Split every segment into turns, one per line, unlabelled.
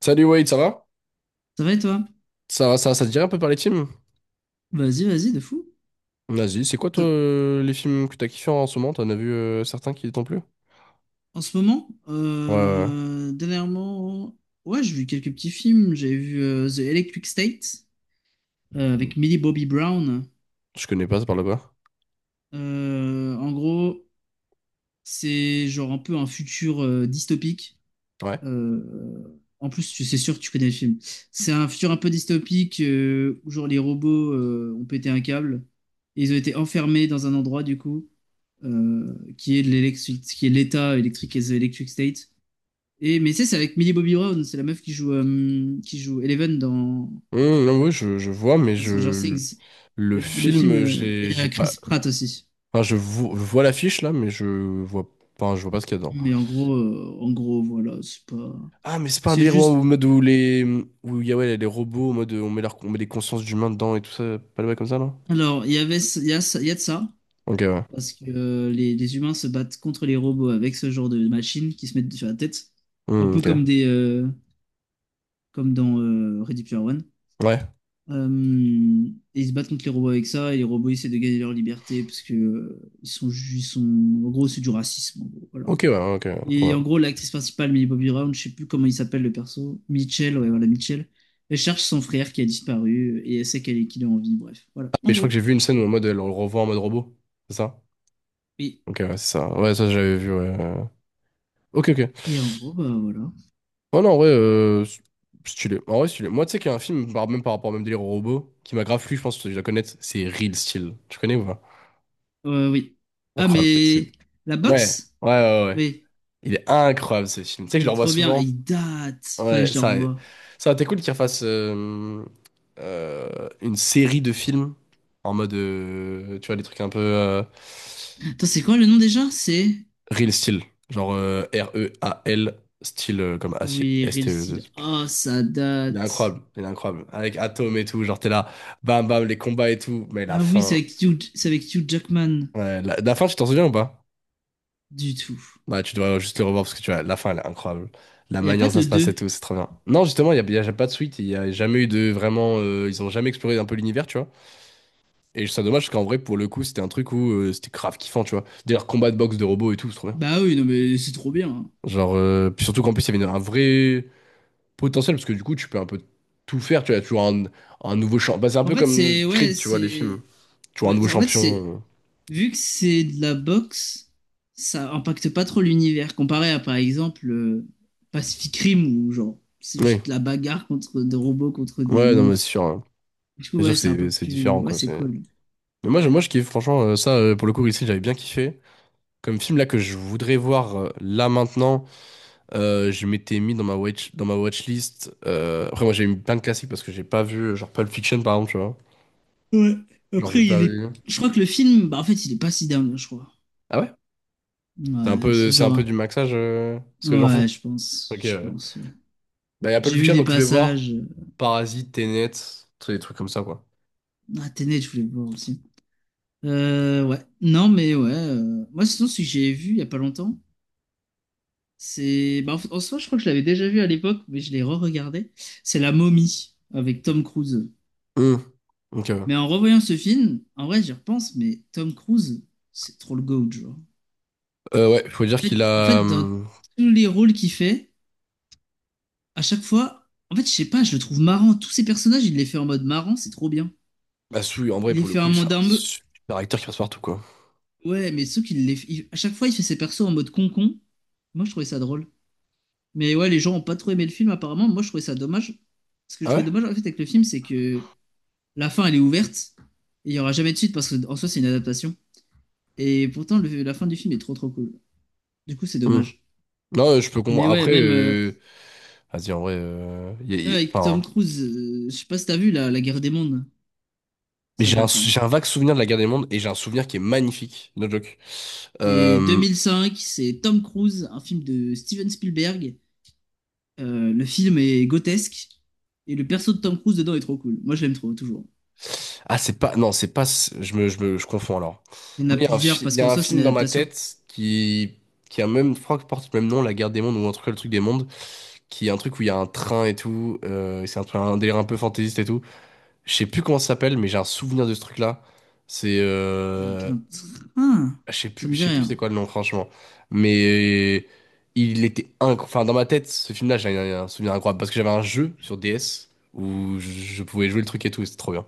Salut Wade, ça va?
Ça va et toi?
Ça te dirait un peu par les films?
Vas-y, vas-y, de fou.
Vas-y, c'est quoi toi
T'as-
les films que t'as kiffé en ce moment? T'en as vu certains qui t'ont plu?
En ce moment,
Ouais, ouais.
dernièrement, ouais, j'ai vu quelques petits films. J'ai vu The Electric State,
Ouais.
avec Millie Bobby Brown.
Je connais pas, ça parle de quoi?
En gros, c'est genre un peu un futur dystopique.
Ouais.
En plus, tu c'est sûr que tu connais le film. C'est un futur un peu dystopique, où genre les robots ont pété un câble et ils ont été enfermés dans un endroit du coup, qui est l'État électrique et The Electric State. Et, mais tu sais, c'est avec Millie Bobby Brown, c'est la meuf qui joue, Eleven dans,
Non, oui, je vois, mais
dans Stranger
je
Things.
le
Mais le film,
film,
et
j'ai
il y
j'ai
a
pas.
Chris Pratt aussi.
Enfin, je vois l'affiche là, mais vois je vois pas ce qu'il y a dedans.
Mais en gros, voilà, c'est pas.
Ah, mais c'est pas un
C'est
délire où,
juste.
en mode où les où il y a ouais, les robots, en mode on met leur, on met des consciences d'humains dedans et tout ça, pas le bail comme ça, non?
Alors, il y avait, il y a, il y a de ça,
Ok, ouais.
parce que les humains se battent contre les robots avec ce genre de machines qui se mettent sur la tête. Un peu
Ok.
comme dans Ready Player One.
Ouais.
Euh, et ils se battent contre les robots avec ça, et les robots essaient de gagner leur liberté parce que ils sont, ju- ils sont, en gros, c'est du racisme, en gros, voilà.
Ok, ouais, ok.
Et
Ouais.
en gros, l'actrice principale, Millie Bobby Brown, je sais plus comment il s'appelle le perso, Mitchell, ouais, voilà, Mitchell, elle cherche son frère qui a disparu, et elle sait qu'elle est, qu'il est en vie, bref, voilà, en
Mais je crois que
gros.
j'ai vu une scène où en mode elle le revoit en mode robot. C'est ça?
Oui.
Ok, ouais, c'est ça. Ouais, ça j'avais vu, ouais. Ok, ok. Ouais,
Et en gros, bah voilà.
non, en vrai, stylé. En vrai, stylé. Moi, tu sais qu'il y a un film, même par rapport au même délire au robot, qui m'a grave plu, je pense que tu dois connaître, c'est Real Steel. Tu connais ou pas?
Oui. Ah,
Incroyable, Real Steel.
mais la
Ouais,
boxe?
ouais, ouais, ouais.
Oui,
Il est incroyable ce film. Tu sais que je
il
le
est
revois
trop bien, et
souvent.
il date, faudrait
Ouais,
que je le
ça,
revoie.
ça aurait été cool qu'il refasse une série de films en mode, tu vois, des trucs un peu.
Attends, c'est quoi le nom déjà? C'est.
Real Steel, genre Real, style comme acier,
Oui, Real
S-T-E.
Steel. Ah, ça
Il est
date.
incroyable, il est incroyable. Avec Atom et tout, genre t'es là, bam bam, les combats et tout, mais la
Ah oui, c'est
fin.
avec Hugh, c'est avec Hugh Jackman
Ouais, la fin, tu t'en souviens ou pas?
du tout.
Bah, tu dois juste le revoir parce que tu vois, la fin, elle est incroyable. La
Il n'y a
manière
pas
dont ça
de
se passe et
deux.
tout, c'est trop bien. Non, justement, y a pas de suite, il n'y a jamais eu de vraiment. Ils ont jamais exploré un peu l'univers, tu vois. Et c'est dommage parce qu'en vrai, pour le coup, c'était un truc où c'était grave kiffant, tu vois. D'ailleurs, combat de boxe de robots et tout, c'est trop bien.
Bah oui, non mais c'est trop bien, hein.
Genre, puis surtout qu'en plus, il y avait une- un vrai potentiel, parce que du coup, tu peux un peu tout faire. Tu as toujours un nouveau champ. Bah, c'est un
En
peu
fait,
comme Creed, tu vois, les films.
c'est
Tu vois, un
ouais,
nouveau
en fait c'est
champion.
vu que c'est de la boxe, ça impacte pas trop l'univers comparé à par exemple, Pacific Rim où genre c'est
Oui,
juste de la bagarre contre des robots contre des
ouais, non, mais c'est sûr,
monstres.
hein.
Du coup,
C'est sûr
ouais,
que
c'est un peu
c'est
plus
différent,
ouais,
quoi.
c'est cool.
Mais moi, moi, je kiffe, franchement, ça, pour le coup, ici, j'avais bien kiffé. Comme film là que je voudrais voir là maintenant, je m'étais mis dans ma watch, dans ma watchlist. Après, moi, j'ai mis plein de classiques parce que j'ai pas vu, genre Pulp Fiction, par exemple, tu vois.
Ouais.
Genre, j'ai
Après,
pas
il est
vu.
je crois que le film bah en fait, il est pas si dingue, je crois.
Ah ouais?
Ouais, c'est
C'est un peu
genre
du maxage, ce que j'en fous.
ouais, je pense,
Ok,
je
ouais.
pense. ouais.
Bah, il y a Pulp
J'ai vu
Fiction,
des
donc je voulais voir
passages.
Parasite, Tenet, tu sais, des trucs comme ça, quoi.
Ah, Tenet, je voulais le voir aussi. Ouais. Non, mais ouais. Moi, sinon, ce que j'ai vu il y a pas longtemps, c'est. Bah, en fait, en soi, je crois que je l'avais déjà vu à l'époque, mais je l'ai re-regardé. C'est La Momie avec Tom Cruise.
Hum, Ok.
Mais en revoyant ce film, en vrai, j'y repense, mais Tom Cruise, c'est trop le GOAT, genre.
Ouais, faut dire qu'il
En
a.
fait, dans
Hum.
tous les rôles qu'il fait, à chaque fois, en fait, je sais pas, je le trouve marrant. Tous ces personnages, il les fait en mode marrant, c'est trop bien.
Bah, Sui, en vrai,
Il les
pour le
fait en
coup, c'est un
mode un,
super acteur qui passe partout, quoi.
ouais, mais ceux qui À chaque fois, il fait ses persos en mode concon. Moi, je trouvais ça drôle. Mais ouais, les gens ont pas trop aimé le film, apparemment. Moi, je trouvais ça dommage. Ce que je
Ah
trouvais
ouais?
dommage, en fait, avec le film, c'est que la fin, elle est ouverte. Et il y aura jamais de suite, parce que en soi, c'est une adaptation. Et pourtant, la fin du film est trop, trop cool. Du coup, c'est
Hum.
dommage.
Non, je peux
Mais
comprendre.
ouais,
Après...
même, euh,
Vas-y, en vrai.
même avec Tom
Enfin.
Cruise, je sais pas si t'as vu la Guerre des mondes.
Mais
Ça
j'ai un,
date, hein.
j'ai un vague souvenir de la guerre des mondes et j'ai un souvenir qui est magnifique, no joke.
C'est
Euh,
2005, c'est Tom Cruise, un film de Steven Spielberg. Le film est grotesque et le perso de Tom Cruise dedans est trop cool. Moi, je l'aime trop, toujours.
Ah, c'est pas. Non, c'est pas. Je confonds alors.
Il y en a
Moi, il y a un,
plusieurs
il
parce
y
qu'en
a un
soi, c'est une
film dans ma
adaptation.
tête qui a même. Je crois que porte le même nom, La Guerre des Mondes, ou en tout cas le truc des mondes, qui est un truc où il y a un train et tout. C'est un, un délire un peu fantaisiste et tout. Je sais plus comment ça s'appelle, mais j'ai un souvenir de ce truc-là. C'est.
Avec un train.
Je sais plus,
Ça me
je
dit
sais plus c'est
rien.
quoi le nom, franchement. Mais il était incroyable. Enfin, dans ma tête, ce film-là, j'ai un souvenir incroyable. Parce que j'avais un jeu sur DS où je pouvais jouer le truc et tout, et c'était trop bien.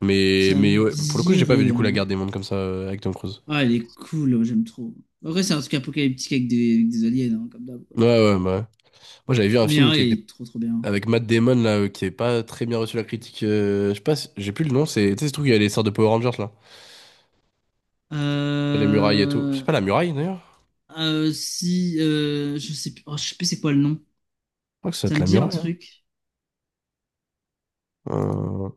Ça
Mais
me
ouais, pour le coup,
dit
j'ai pas vu du coup La
rien.
Guerre des Mondes comme ça avec Tom Cruise.
Ah, elle est cool, ouais, j'aime trop. En vrai, c'est un truc apocalyptique avec des aliens, hein, comme d'hab, quoi.
Ouais, ouais, bah ouais. Moi, j'avais vu un
Mais
film
ah,
qui était
il est trop trop bien.
avec Matt Damon, là, qui avait pas très bien reçu la critique. Je sais pas, j'ai plus le nom, c'est. Tu sais, ce truc, il y a les sortes de Power Rangers, là. Sur les murailles et tout. C'est
Euh...
pas la muraille, d'ailleurs?
Si, je sais plus, oh, je sais plus c'est quoi le nom.
Je crois que ça doit
Ça
être
me
la
dit un
muraille, hein.
truc.
Euh,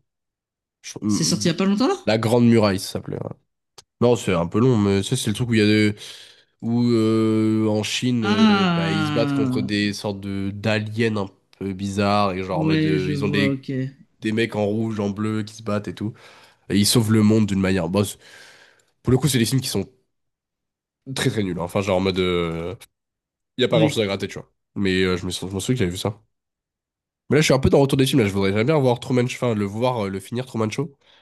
je-
C'est sorti il y a
de-
pas longtemps là?
La Grande Muraille, ça s'appelait. Non, c'est un peu long, mais ça, c'est le truc où il y a de... Où en Chine, bah, ils se battent contre
Ah,
des sortes de d'aliens un peu bizarres, et genre en mode,
ouais, je
ils ont
vois,
des...
ok.
Des mecs en rouge, en bleu qui se battent et tout. Et ils sauvent le monde d'une manière. Pour le coup, c'est des films qui sont très très nuls, hein. Enfin, genre en mode, il y a pas grand-chose
Oui.
à gratter, tu vois. Mais je me souviens que j'avais vu ça. Mais là, je suis un peu dans le retour des films, là, je voudrais j'aimerais bien voir Truman Show, enfin, le voir, le finir Truman Show. Je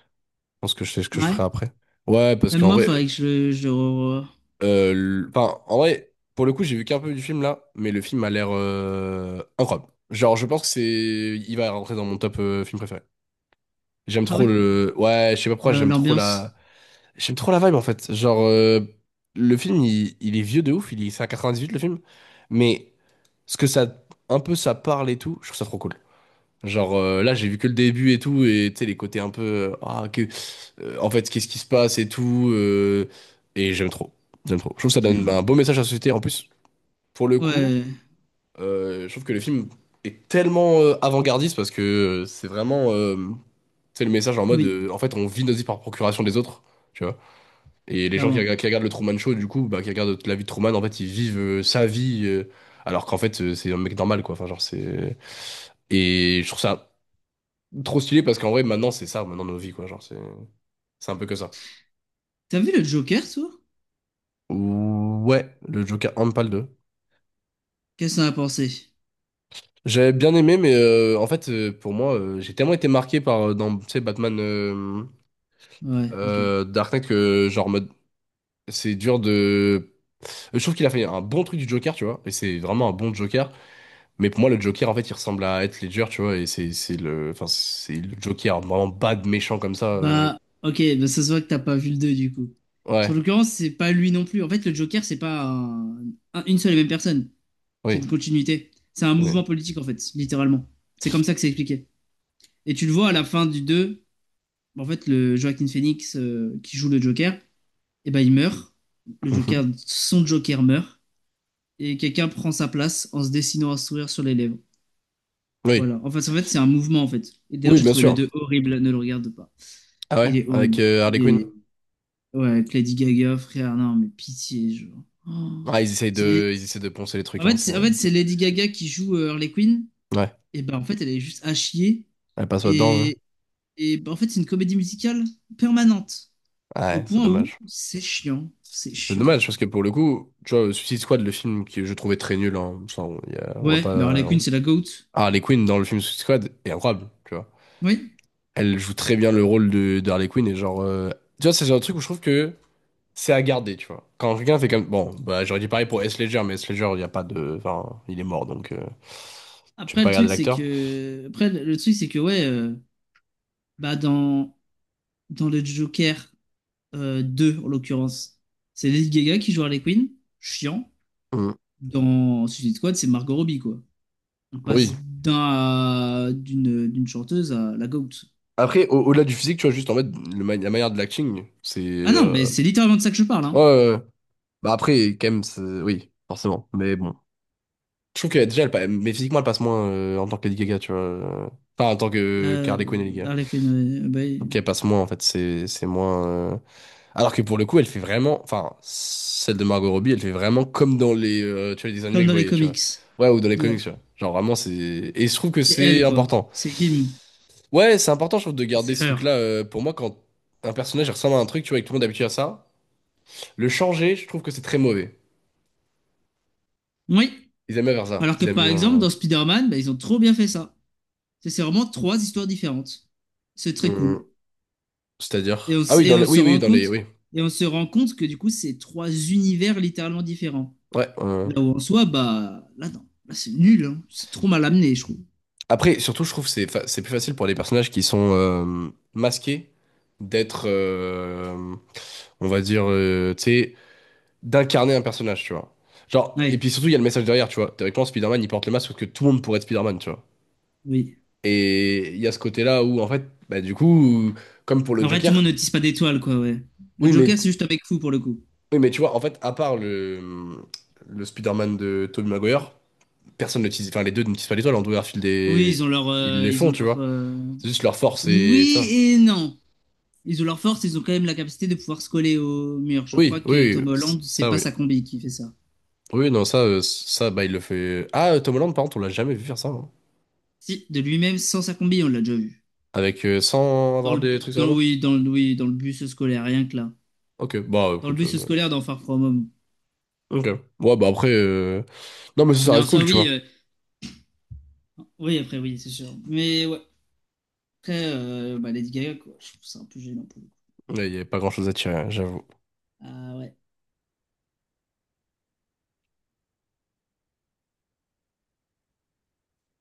pense que je sais ce que je
Ouais.
ferai après. Ouais, parce
Même
qu'en
moi,
vrai,
faudrait que
Enfin, en vrai, pour le coup, j'ai vu qu'un peu du film là, mais le film a l'air incroyable. Genre, je pense que c'est, il va rentrer dans mon top film préféré. J'aime
Ah
trop
ouais,
le, ouais, je sais pas pourquoi,
l'ambiance.
j'aime trop la vibe en fait. Genre, le film, il est vieux de ouf, il est, c'est à 98 le film, mais ce que ça, un peu ça parle et tout, je trouve ça trop cool. Genre là j'ai vu que le début et tout et tu sais les côtés un peu ah que en fait qu'est-ce qui se passe et tout, et j'aime trop j'aime trop, je trouve que ça donne bah, un beau message à la société en plus pour le coup.
Ouais,
Je trouve que le film est tellement avant-gardiste parce que c'est vraiment, tu sais, le message en mode
oui,
en fait on vit nos vies par procuration des autres, tu vois, et les gens qui,
clairement.
qui regardent le Truman Show du coup bah qui regardent la vie de Truman, en fait ils vivent sa vie, alors qu'en fait c'est un mec normal quoi, enfin genre c'est, et je trouve ça trop stylé parce qu'en vrai, maintenant, c'est ça, maintenant nos vies, quoi. Genre, c'est un peu que ça.
T'as vu le Joker, toi?
Ouais, le Joker Handball 2.
Qu'est-ce qu'on a pensé?
J'avais bien aimé, mais en fait, pour moi, j'ai tellement été marqué par dans, tu sais, Batman
Ouais, ok.
Dark Knight que, genre, mode, c'est dur de. Je trouve qu'il a fait un bon truc du Joker, tu vois, et c'est vraiment un bon Joker. Mais pour moi, le Joker, en fait, il ressemble à Heath Ledger, tu vois, et c'est le, enfin, c'est le Joker vraiment bad, méchant comme ça.
Bah, ok, bah ça se voit que t'as pas vu le 2 du coup. En
Ouais,
l'occurrence, c'est pas lui non plus. En fait, le Joker, c'est pas une seule et même personne. C'est
oui,
une continuité. C'est un mouvement
oui.
politique, en fait, littéralement. C'est comme ça que c'est expliqué. Et tu le vois à la fin du 2 en fait, le Joaquin Phoenix, qui joue le Joker, et ben il meurt. Le
Mhm.
Joker, son Joker meurt. Et quelqu'un prend sa place en se dessinant un sourire sur les lèvres.
Oui,
Voilà. En fait, c'est un mouvement en fait. Et d'ailleurs,
oui,
j'ai
bien
trouvé le
sûr.
2 horrible, ne le regarde pas.
Ah ouais,
Il est
avec
horrible.
Harley
Il
Quinn.
est... Ouais, avec Lady Gaga, frère, non, mais pitié, genre. Oh.
Ah,
C'est-
ils essayent de poncer les trucs, hein, c'est-
En fait, c'est Lady Gaga qui joue Harley Quinn.
Ouais,
Et ben, en fait, elle est juste à chier.
elle passe pas dedans, hein.
Et, et ben, en fait, c'est une comédie musicale permanente. Au
Ouais, c'est
point où
dommage.
c'est chiant. C'est
C'est
chiant.
dommage parce que pour le coup, tu vois, Suicide Squad, le film que je trouvais très nul, hein, ça, on, on va
Ouais, mais
pas.
Harley Quinn, c'est la GOAT.
Ah, Harley Quinn dans le film Suicide Squad est incroyable, tu vois.
Oui.
Elle joue très bien le rôle de Harley Quinn et genre. Tu vois, c'est un truc où je trouve que c'est à garder, tu vois. Quand quelqu'un fait comme. Bon, bah, j'aurais dit pareil pour S. Ledger, mais S. Ledger, il y a pas de. Enfin, il est mort donc. Tu peux
Après,
pas
le
garder
truc, c'est
l'acteur.
que. Après, le truc, c'est que, ouais. Bah dans le Joker 2, en l'occurrence, c'est Lady Gaga qui joue Harley Quinn, chiant.
Mm.
Dans Suicide Squad, c'est Margot Robbie, quoi. On passe
Oui,
d'une chanteuse à la GOAT.
après, au-delà du physique, tu vois, juste en fait, la manière de l'acting, c'est.
Ah non, mais c'est littéralement de ça que je parle,
Ouais,
hein.
ouais, ouais. Bah après, quand même, c'est- oui, forcément. Mais bon. Je trouve que déjà, elle, mais physiquement, elle passe moins en tant que Lady Gaga, tu vois. Enfin, en tant que
Euh,
Harley Quinn et Lady Gaga.
Harley Quinn, bah,
Je trouve qu'elle passe moins, en fait, c'est moins. Alors que pour le coup, elle fait vraiment. Enfin, celle de Margot Robbie, elle fait vraiment comme dans les, tu vois, les dessins animés
comme
que je
dans les
voyais, tu vois.
comics.
Ouais, ou dans les
Ouais.
comics, tu vois. Genre vraiment, c'est. Et je trouve que
C'est elle,
c'est
quoi.
important.
C'est him.
Ouais, c'est important, je trouve, de garder
C'est
ce
her.
truc-là. Pour moi, quand un personnage ressemble à un truc, tu vois, et que tout le monde est habitué à ça, le changer, je trouve que c'est très mauvais.
Oui.
Ils aiment bien faire ça.
Alors que
Ils aiment
par exemple, dans
bien.
Spider-Man, bah, ils ont trop bien fait ça. C'est vraiment trois histoires différentes. C'est
euh,
très
euh,
cool. Et on,
C'est-à-dire. Ah
s-
oui,
et
dans les.
on se
Oui, oui,
rend
dans les.
compte,
Oui.
que du coup, c'est trois univers littéralement différents.
Ouais.
Là où en soi, bah, là, non, là, c'est nul, hein. C'est trop mal amené, je trouve.
Après, surtout, je trouve que c'est plus facile pour les personnages qui sont masqués d'être. On va dire. Tu sais, d'incarner un personnage, tu vois. Genre, et puis
Ouais,
surtout, il y a le message derrière, tu vois. Théoriquement, Spider-Man, il porte le masque parce que tout le monde pourrait être Spider-Man, tu vois.
oui.
Et il y a ce côté-là où, en fait, bah, du coup, comme pour le
Après, tout le monde ne
Joker,
tisse pas d'étoiles, quoi, ouais. Le
oui, mais,
Joker, c'est juste avec fou pour le coup.
oui, mais tu vois, en fait, à part le Spider-Man de Tobey Maguire, personne ne tease, enfin, les deux ne teasent pas l'étoile, Andrew Garfield
Oui,
et, ils les font, tu vois. C'est juste leur force et
oui
ça.
et non. Ils ont leur force, ils ont quand même la capacité de pouvoir se coller au mur. Je crois
Oui,
que
oui,
Tom Holland, c'est
ça,
pas
oui.
sa combi qui fait ça.
Oui, non, ça, ça, bah, il le fait. Ah, Tom Holland, par contre, on l'a jamais vu faire ça, hein.
Si, de lui-même, sans sa combi, on l'a déjà vu.
Avec, sans
Dans
avoir
le,
des
bu-
trucs sur les
dans,
mains.
oui, oui, dans le bus scolaire, rien que là.
Ok, bah,
dans le
écoute,
bus scolaire dans Far From Home.
ok. Ouais, bah, après, non, mais ça
Mais en
reste
soi,
cool, tu
oui,
vois.
oui, après, oui, c'est sûr. Mais ouais, après, bah, Lady Gaga, quoi, je trouve ça un peu gênant pour le coup.
Il n'y a pas grand-chose à tirer, hein, j'avoue.
Ah ouais.